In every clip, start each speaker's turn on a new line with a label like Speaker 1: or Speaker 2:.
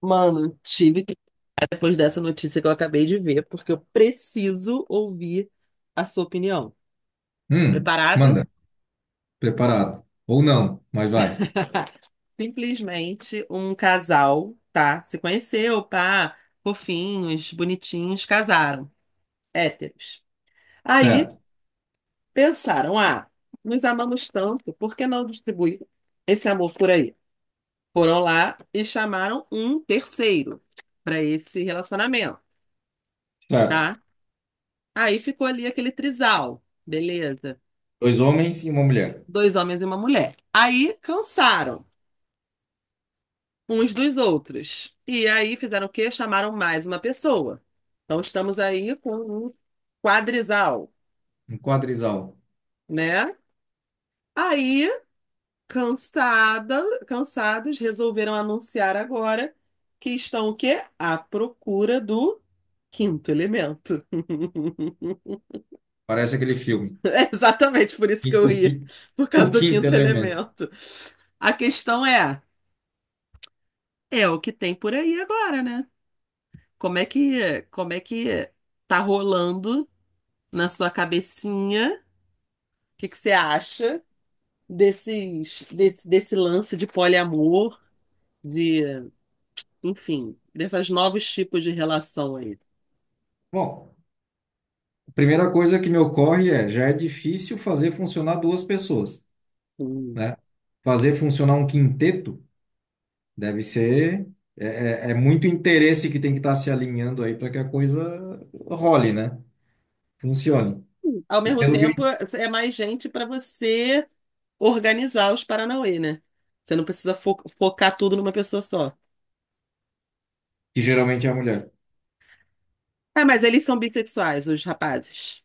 Speaker 1: Mano, tive que ficar depois dessa notícia que eu acabei de ver, porque eu preciso ouvir a sua opinião. Preparado?
Speaker 2: Manda. Preparado. Ou não, mas vai.
Speaker 1: Simplesmente um casal, tá? Se conheceu, pá, fofinhos, bonitinhos, casaram, héteros. Aí
Speaker 2: Certo,
Speaker 1: pensaram, ah, nos amamos tanto, por que não distribuir esse amor por aí? Foram lá e chamaram um terceiro para esse relacionamento,
Speaker 2: certo.
Speaker 1: tá? Aí ficou ali aquele trisal, beleza?
Speaker 2: Dois homens e uma mulher.
Speaker 1: Dois homens e uma mulher. Aí cansaram uns dos outros. E aí fizeram o quê? Chamaram mais uma pessoa. Então estamos aí com um quadrisal,
Speaker 2: Um quadrisal.
Speaker 1: né? Aí, cansada, cansados, resolveram anunciar agora que estão o quê? À procura do quinto elemento.
Speaker 2: Parece aquele filme.
Speaker 1: É exatamente por isso
Speaker 2: E
Speaker 1: que eu
Speaker 2: o,
Speaker 1: ia, por causa
Speaker 2: o
Speaker 1: do
Speaker 2: quinto
Speaker 1: quinto
Speaker 2: elemento.
Speaker 1: elemento. A questão é, é o que tem por aí agora, né? Como é que tá rolando na sua cabecinha? O que que você acha desse lance de poliamor, de, enfim, desses novos tipos de relação aí?
Speaker 2: Bom, a primeira coisa que me ocorre é, já é difícil fazer funcionar duas pessoas,
Speaker 1: Hum.
Speaker 2: né? Fazer funcionar um quinteto deve ser... É, muito interesse que tem que estar se alinhando aí para que a coisa role, né? Funcione.
Speaker 1: Ao
Speaker 2: E
Speaker 1: mesmo
Speaker 2: pelo
Speaker 1: tempo, é mais gente para você organizar os Paranauê, né? Você não precisa focar tudo numa pessoa só.
Speaker 2: que geralmente é a mulher.
Speaker 1: Ah, mas eles são bissexuais, os rapazes.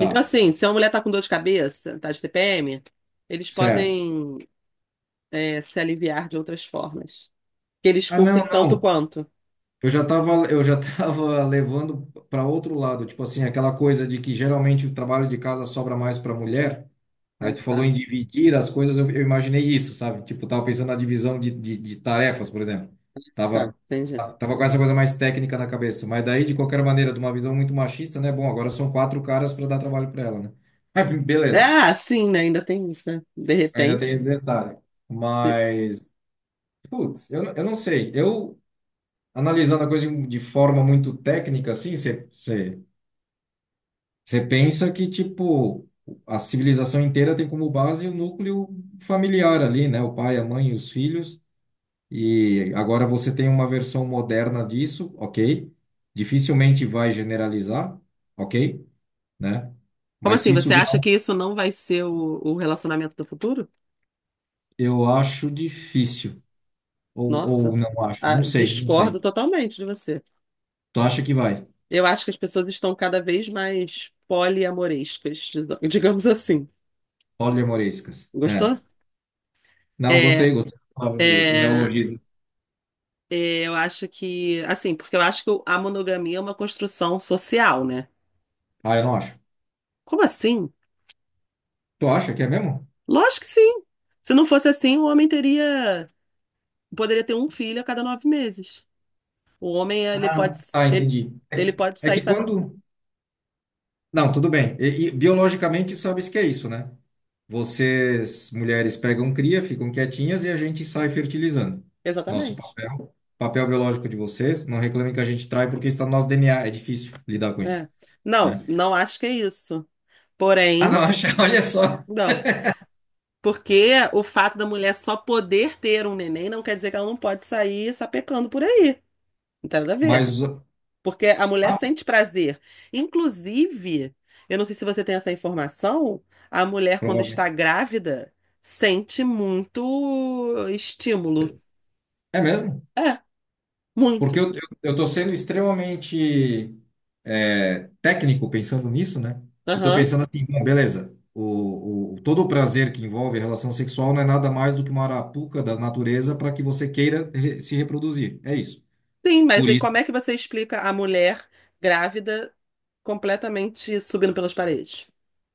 Speaker 1: Então, assim, se uma mulher tá com dor de cabeça, tá de TPM, eles
Speaker 2: certo.
Speaker 1: podem, é, se aliviar de outras formas. Que eles
Speaker 2: Ah, não,
Speaker 1: curtem tanto
Speaker 2: não.
Speaker 1: quanto.
Speaker 2: Eu já tava levando para outro lado, tipo assim, aquela coisa de que geralmente o trabalho de casa sobra mais para mulher.
Speaker 1: Ah,
Speaker 2: Aí tu falou
Speaker 1: tá,
Speaker 2: em dividir as coisas, eu imaginei isso, sabe? Tipo, tava pensando na divisão de tarefas, por exemplo.
Speaker 1: tá,
Speaker 2: Tava,
Speaker 1: entendi.
Speaker 2: tava com essa coisa mais técnica na cabeça. Mas daí, de qualquer maneira, de uma visão muito machista, né? Bom, agora são quatro caras para dar trabalho para ela, né? Aí,
Speaker 1: É,
Speaker 2: beleza,
Speaker 1: ah, sim, né? Ainda tem isso, né? De
Speaker 2: ainda tem
Speaker 1: repente.
Speaker 2: esse detalhe.
Speaker 1: se-
Speaker 2: Mas, putz, eu, eu não sei. Eu, analisando a coisa de forma muito técnica, assim, você. Você pensa que, tipo, a civilização inteira tem como base o núcleo familiar ali, né? O pai, a mãe e os filhos. E agora você tem uma versão moderna disso, ok? Dificilmente vai generalizar, ok? Né?
Speaker 1: Como
Speaker 2: Mas
Speaker 1: assim?
Speaker 2: se isso
Speaker 1: Você
Speaker 2: virar,
Speaker 1: acha que isso não vai ser o relacionamento do futuro?
Speaker 2: eu acho difícil.
Speaker 1: Nossa,
Speaker 2: Ou não acho.
Speaker 1: ah,
Speaker 2: Não sei, não
Speaker 1: discordo
Speaker 2: sei.
Speaker 1: totalmente de você.
Speaker 2: Tu acha que vai?
Speaker 1: Eu acho que as pessoas estão cada vez mais poliamorescas, digamos assim.
Speaker 2: Poliemorescas. É.
Speaker 1: Gostou?
Speaker 2: Não,
Speaker 1: É,
Speaker 2: gostei, gostei. Da palavra, o
Speaker 1: é,
Speaker 2: neologismo.
Speaker 1: é, eu acho que, assim, porque eu acho que a monogamia é uma construção social, né?
Speaker 2: Ah, eu não acho.
Speaker 1: Como assim?
Speaker 2: Tu acha que é mesmo?
Speaker 1: Lógico que sim. Se não fosse assim, poderia ter um filho a cada 9 meses. O homem,
Speaker 2: Ah, ah,
Speaker 1: ele,
Speaker 2: entendi.
Speaker 1: ele pode
Speaker 2: É
Speaker 1: sair
Speaker 2: que
Speaker 1: fazendo.
Speaker 2: quando. Não, tudo bem. E biologicamente, sabes que é isso, né? Vocês, mulheres, pegam cria, ficam quietinhas e a gente sai fertilizando. Nosso
Speaker 1: Exatamente,
Speaker 2: papel, papel biológico de vocês, não reclamem que a gente trai porque está no nosso DNA, é difícil lidar com isso,
Speaker 1: né?
Speaker 2: né?
Speaker 1: Não, não acho que é isso.
Speaker 2: Ah, não,
Speaker 1: Porém,
Speaker 2: acha, olha só.
Speaker 1: não. Porque o fato da mulher só poder ter um neném não quer dizer que ela não pode sair sapecando por aí. Não tem nada a ver.
Speaker 2: Mas,
Speaker 1: Porque a mulher
Speaker 2: ah,
Speaker 1: sente prazer. Inclusive, eu não sei se você tem essa informação, a mulher, quando está
Speaker 2: provavelmente.
Speaker 1: grávida, sente muito estímulo.
Speaker 2: É mesmo?
Speaker 1: É,
Speaker 2: Porque
Speaker 1: muito.
Speaker 2: eu estou sendo extremamente técnico pensando nisso, né? E estou
Speaker 1: Aham.
Speaker 2: pensando assim, bom, beleza, todo o prazer que envolve a relação sexual não é nada mais do que uma arapuca da natureza para que você queira se reproduzir. É isso.
Speaker 1: Sim, mas
Speaker 2: Por
Speaker 1: aí
Speaker 2: isso,
Speaker 1: como é que você explica a mulher grávida completamente subindo pelas paredes?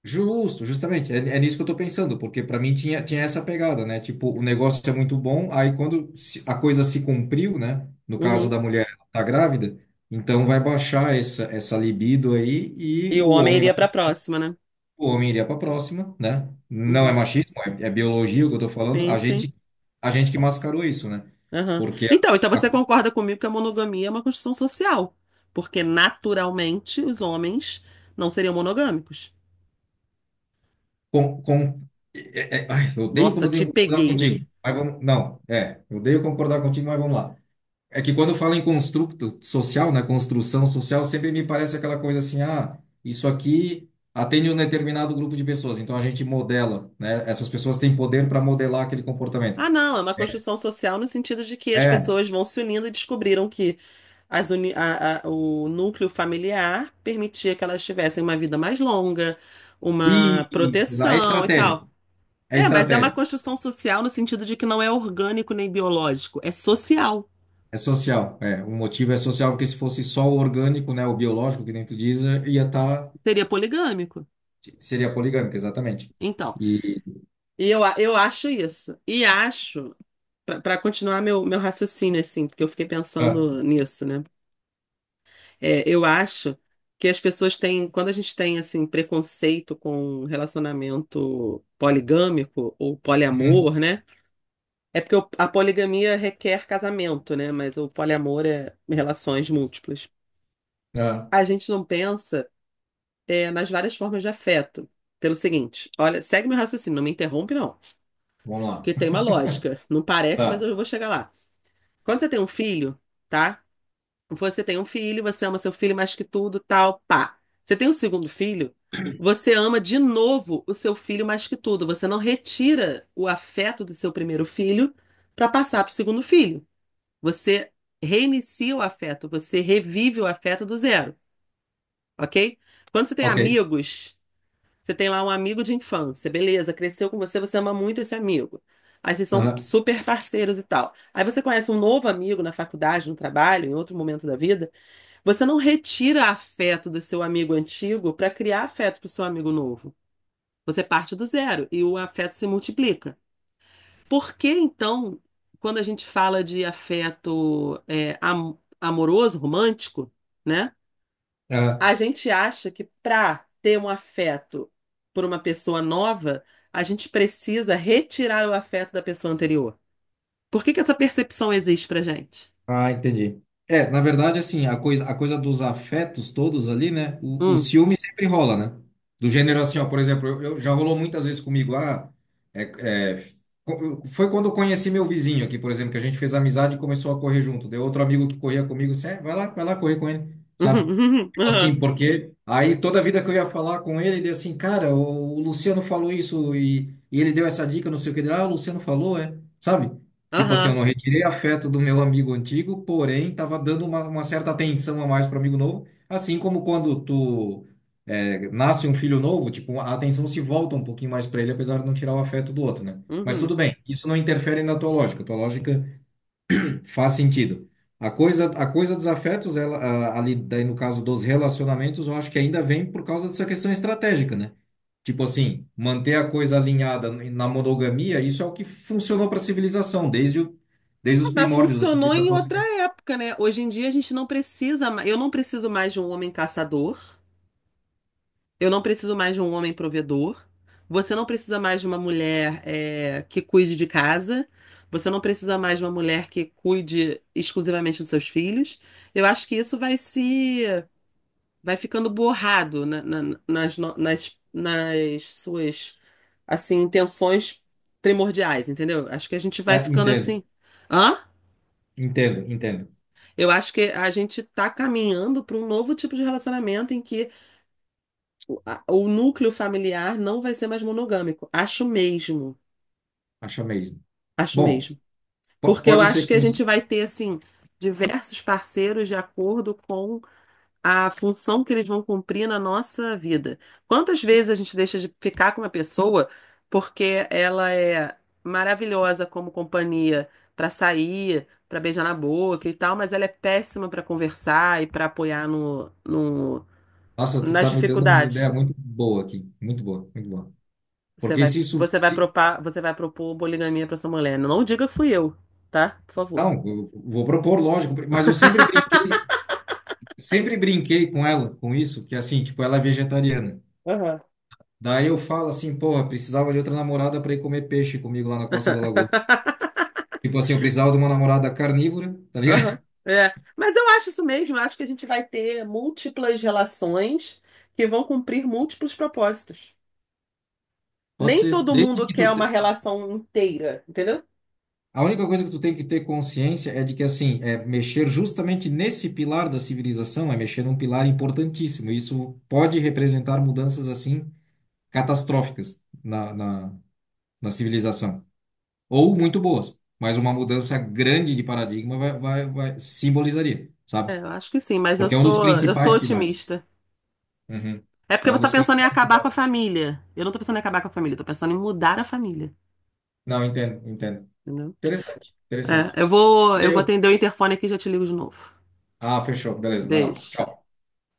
Speaker 2: justo, justamente, é, é nisso que eu estou pensando, porque para mim tinha, tinha essa pegada, né? Tipo, o negócio é muito bom, aí quando a coisa se cumpriu, né? No caso
Speaker 1: Uhum.
Speaker 2: da mulher, ela tá grávida, então vai baixar essa, essa libido aí e
Speaker 1: E o
Speaker 2: o
Speaker 1: homem
Speaker 2: homem.
Speaker 1: iria para a próxima, né?
Speaker 2: O homem iria para a próxima, né? Não é
Speaker 1: Uhum.
Speaker 2: machismo, é, é biologia o que eu estou falando.
Speaker 1: Sim, sim.
Speaker 2: A gente que mascarou isso, né?
Speaker 1: Aham.
Speaker 2: Porque
Speaker 1: Então,
Speaker 2: a,
Speaker 1: você
Speaker 2: a-
Speaker 1: concorda comigo que a monogamia é uma construção social, porque naturalmente os homens não seriam monogâmicos.
Speaker 2: com, é- é, ai, eu odeio quando
Speaker 1: Nossa,
Speaker 2: eu
Speaker 1: te
Speaker 2: tenho que concordar
Speaker 1: peguei, né?
Speaker 2: contigo. Mas vamos, não, é, eu odeio concordar contigo, mas vamos lá. É que quando fala em construto social, né? Construção social, sempre me parece aquela coisa assim, ah, isso aqui atende um determinado grupo de pessoas, então a gente modela, né? Essas pessoas têm poder para modelar aquele comportamento.
Speaker 1: Ah, não, é uma construção social no sentido de que as
Speaker 2: É,
Speaker 1: pessoas vão se unindo e descobriram que as uni- a- o núcleo familiar permitia que elas tivessem uma vida mais longa,
Speaker 2: e,
Speaker 1: uma
Speaker 2: e- é
Speaker 1: proteção e
Speaker 2: estratégico,
Speaker 1: tal.
Speaker 2: é
Speaker 1: É, mas é uma
Speaker 2: estratégico.
Speaker 1: construção social no sentido de que não é orgânico nem biológico, é social.
Speaker 2: É social, é. O motivo é social, porque se fosse só o orgânico, né, o biológico, que nem tu diz, eh, ia estar.
Speaker 1: Seria poligâmico.
Speaker 2: Seria poligâmico, exatamente.
Speaker 1: Então.
Speaker 2: E.
Speaker 1: E eu, eu acho isso. E acho, para continuar meu raciocínio, assim, porque eu fiquei
Speaker 2: Ah,
Speaker 1: pensando nisso, né? É, eu acho que quando a gente tem, assim, preconceito com relacionamento poligâmico ou
Speaker 2: uhum,
Speaker 1: poliamor, né? É porque a poligamia requer casamento, né? Mas o poliamor é relações múltiplas.
Speaker 2: ah,
Speaker 1: A gente não pensa, nas várias formas de afeto. Pelo seguinte, olha, segue meu raciocínio, não me interrompe, não,
Speaker 2: vamos lá.
Speaker 1: porque tem uma lógica. Não parece, mas
Speaker 2: Tá,
Speaker 1: eu vou chegar lá. Quando você tem um filho, tá? Você tem um filho, você ama seu filho mais que tudo, tal, pá. Você tem um segundo filho, você ama de novo o seu filho mais que tudo. Você não retira o afeto do seu primeiro filho para passar para o segundo filho. Você reinicia o afeto, você revive o afeto do zero, ok? Quando você tem
Speaker 2: ok.
Speaker 1: amigos. Você tem lá um amigo de infância, beleza, cresceu com você, você ama muito esse amigo. Aí vocês são
Speaker 2: Aham,
Speaker 1: super parceiros e tal. Aí você conhece um novo amigo na faculdade, no trabalho, em outro momento da vida. Você não retira afeto do seu amigo antigo para criar afeto para o seu amigo novo. Você parte do zero e o afeto se multiplica. Por que então, quando a gente fala de afeto é, amoroso, romântico, né? A
Speaker 2: ah,
Speaker 1: gente acha que para ter um afeto por uma pessoa nova, a gente precisa retirar o afeto da pessoa anterior. Por que que essa percepção existe pra gente?
Speaker 2: ah, entendi. É, na verdade, assim, a coisa dos afetos todos ali, né? O
Speaker 1: Hum.
Speaker 2: ciúme sempre rola, né? Do gênero assim, ó, por exemplo, eu, já rolou muitas vezes comigo, ah, é, é, foi quando eu conheci meu vizinho aqui, por exemplo, que a gente fez amizade e começou a correr junto. Deu outro amigo que corria comigo, assim, é, vai lá correr com ele,
Speaker 1: Uhum.
Speaker 2: sabe?
Speaker 1: Uhum.
Speaker 2: Tipo
Speaker 1: Aham.
Speaker 2: assim, porque aí toda a vida que eu ia falar com ele, ele assim, cara, o Luciano falou isso e ele deu essa dica, não sei o que. Ele, ah, o Luciano falou, é, sabe? Tipo assim, eu
Speaker 1: Aham.
Speaker 2: não retirei afeto do meu amigo antigo, porém tava dando uma certa atenção a mais para amigo novo. Assim como quando tu nasce um filho novo, tipo, a atenção se volta um pouquinho mais para ele, apesar de não tirar o afeto do outro, né? Mas
Speaker 1: Uhum.
Speaker 2: tudo bem, isso não interfere na tua lógica. Tua lógica faz sentido. A coisa dos afetos, ela, ali, daí no caso dos relacionamentos, eu acho que ainda vem por causa dessa questão estratégica, né? Tipo assim, manter a coisa alinhada na monogamia, isso é o que funcionou para a civilização, desde, o, desde
Speaker 1: Ah,
Speaker 2: os
Speaker 1: mas
Speaker 2: primórdios da
Speaker 1: funcionou em
Speaker 2: civilização
Speaker 1: outra
Speaker 2: ocidental.
Speaker 1: época, né? Hoje em dia a gente não precisa mais, eu não preciso mais de um homem caçador. Eu não preciso mais de um homem provedor. Você não precisa mais de uma mulher, eh, que cuide de casa. Você não precisa mais de uma mulher que cuide exclusivamente dos seus filhos. Eu acho que isso vai se, vai ficando borrado na- na- nas, no- nas, nas suas, assim, intenções primordiais, entendeu? Acho que a gente vai
Speaker 2: Ah,
Speaker 1: ficando
Speaker 2: entendo,
Speaker 1: assim. Hã?
Speaker 2: entendo, entendo.
Speaker 1: Eu acho que a gente está caminhando para um novo tipo de relacionamento em que o núcleo familiar não vai ser mais monogâmico. Acho mesmo.
Speaker 2: Acho mesmo.
Speaker 1: Acho
Speaker 2: Bom,
Speaker 1: mesmo. Porque eu
Speaker 2: pode
Speaker 1: acho
Speaker 2: ser que
Speaker 1: que a gente
Speaker 2: funcione.
Speaker 1: vai ter, assim, diversos parceiros de acordo com a função que eles vão cumprir na nossa vida. Quantas vezes a gente deixa de ficar com uma pessoa porque ela é maravilhosa como companhia para sair, para beijar na boca e tal, mas ela é péssima para conversar e para apoiar
Speaker 2: Nossa, tu
Speaker 1: nas
Speaker 2: tá me dando uma ideia
Speaker 1: dificuldades?
Speaker 2: muito boa aqui. Muito boa, muito boa.
Speaker 1: Você
Speaker 2: Porque
Speaker 1: vai,
Speaker 2: se isso.
Speaker 1: você vai propar, você vai propor poligamia pra sua mulher. Não diga que fui eu, tá? Por favor.
Speaker 2: Não, eu vou propor, lógico, mas eu sempre brinquei. Sempre brinquei com ela, com isso, que é assim, tipo, ela é vegetariana.
Speaker 1: Aham.
Speaker 2: Daí eu falo assim, porra, precisava de outra namorada para ir comer peixe comigo lá na Costa da Lagoa. Tipo assim, eu precisava de uma namorada carnívora, tá
Speaker 1: Aham,
Speaker 2: ligado?
Speaker 1: é. Mas eu acho isso mesmo, eu acho que a gente vai ter múltiplas relações que vão cumprir múltiplos propósitos.
Speaker 2: Pode
Speaker 1: Nem
Speaker 2: ser.
Speaker 1: todo
Speaker 2: Desde
Speaker 1: mundo
Speaker 2: que
Speaker 1: quer
Speaker 2: tu
Speaker 1: uma
Speaker 2: te...
Speaker 1: relação inteira, entendeu?
Speaker 2: A única coisa que tu tem que ter consciência é de que assim, é mexer justamente nesse pilar da civilização, é mexer num pilar importantíssimo. Isso pode representar mudanças assim catastróficas na, na, na civilização. Ou muito boas, mas uma mudança grande de paradigma vai, vai simbolizaria, sabe?
Speaker 1: É, eu acho que sim, mas eu
Speaker 2: Porque é um dos
Speaker 1: sou, eu sou
Speaker 2: principais pilares.
Speaker 1: otimista.
Speaker 2: Uhum.
Speaker 1: É porque
Speaker 2: É
Speaker 1: você
Speaker 2: um
Speaker 1: tá
Speaker 2: dos
Speaker 1: pensando em
Speaker 2: principais
Speaker 1: acabar com a
Speaker 2: pilares.
Speaker 1: família. Eu não tô pensando em acabar com a família, eu tô pensando em mudar a família,
Speaker 2: Não, entendo, entendo.
Speaker 1: entendeu?
Speaker 2: Interessante, interessante.
Speaker 1: É, eu vou
Speaker 2: Eu...
Speaker 1: atender o interfone aqui e já te ligo de novo.
Speaker 2: Ah, fechou. Beleza, vai lá.
Speaker 1: Beijo.
Speaker 2: Tchau.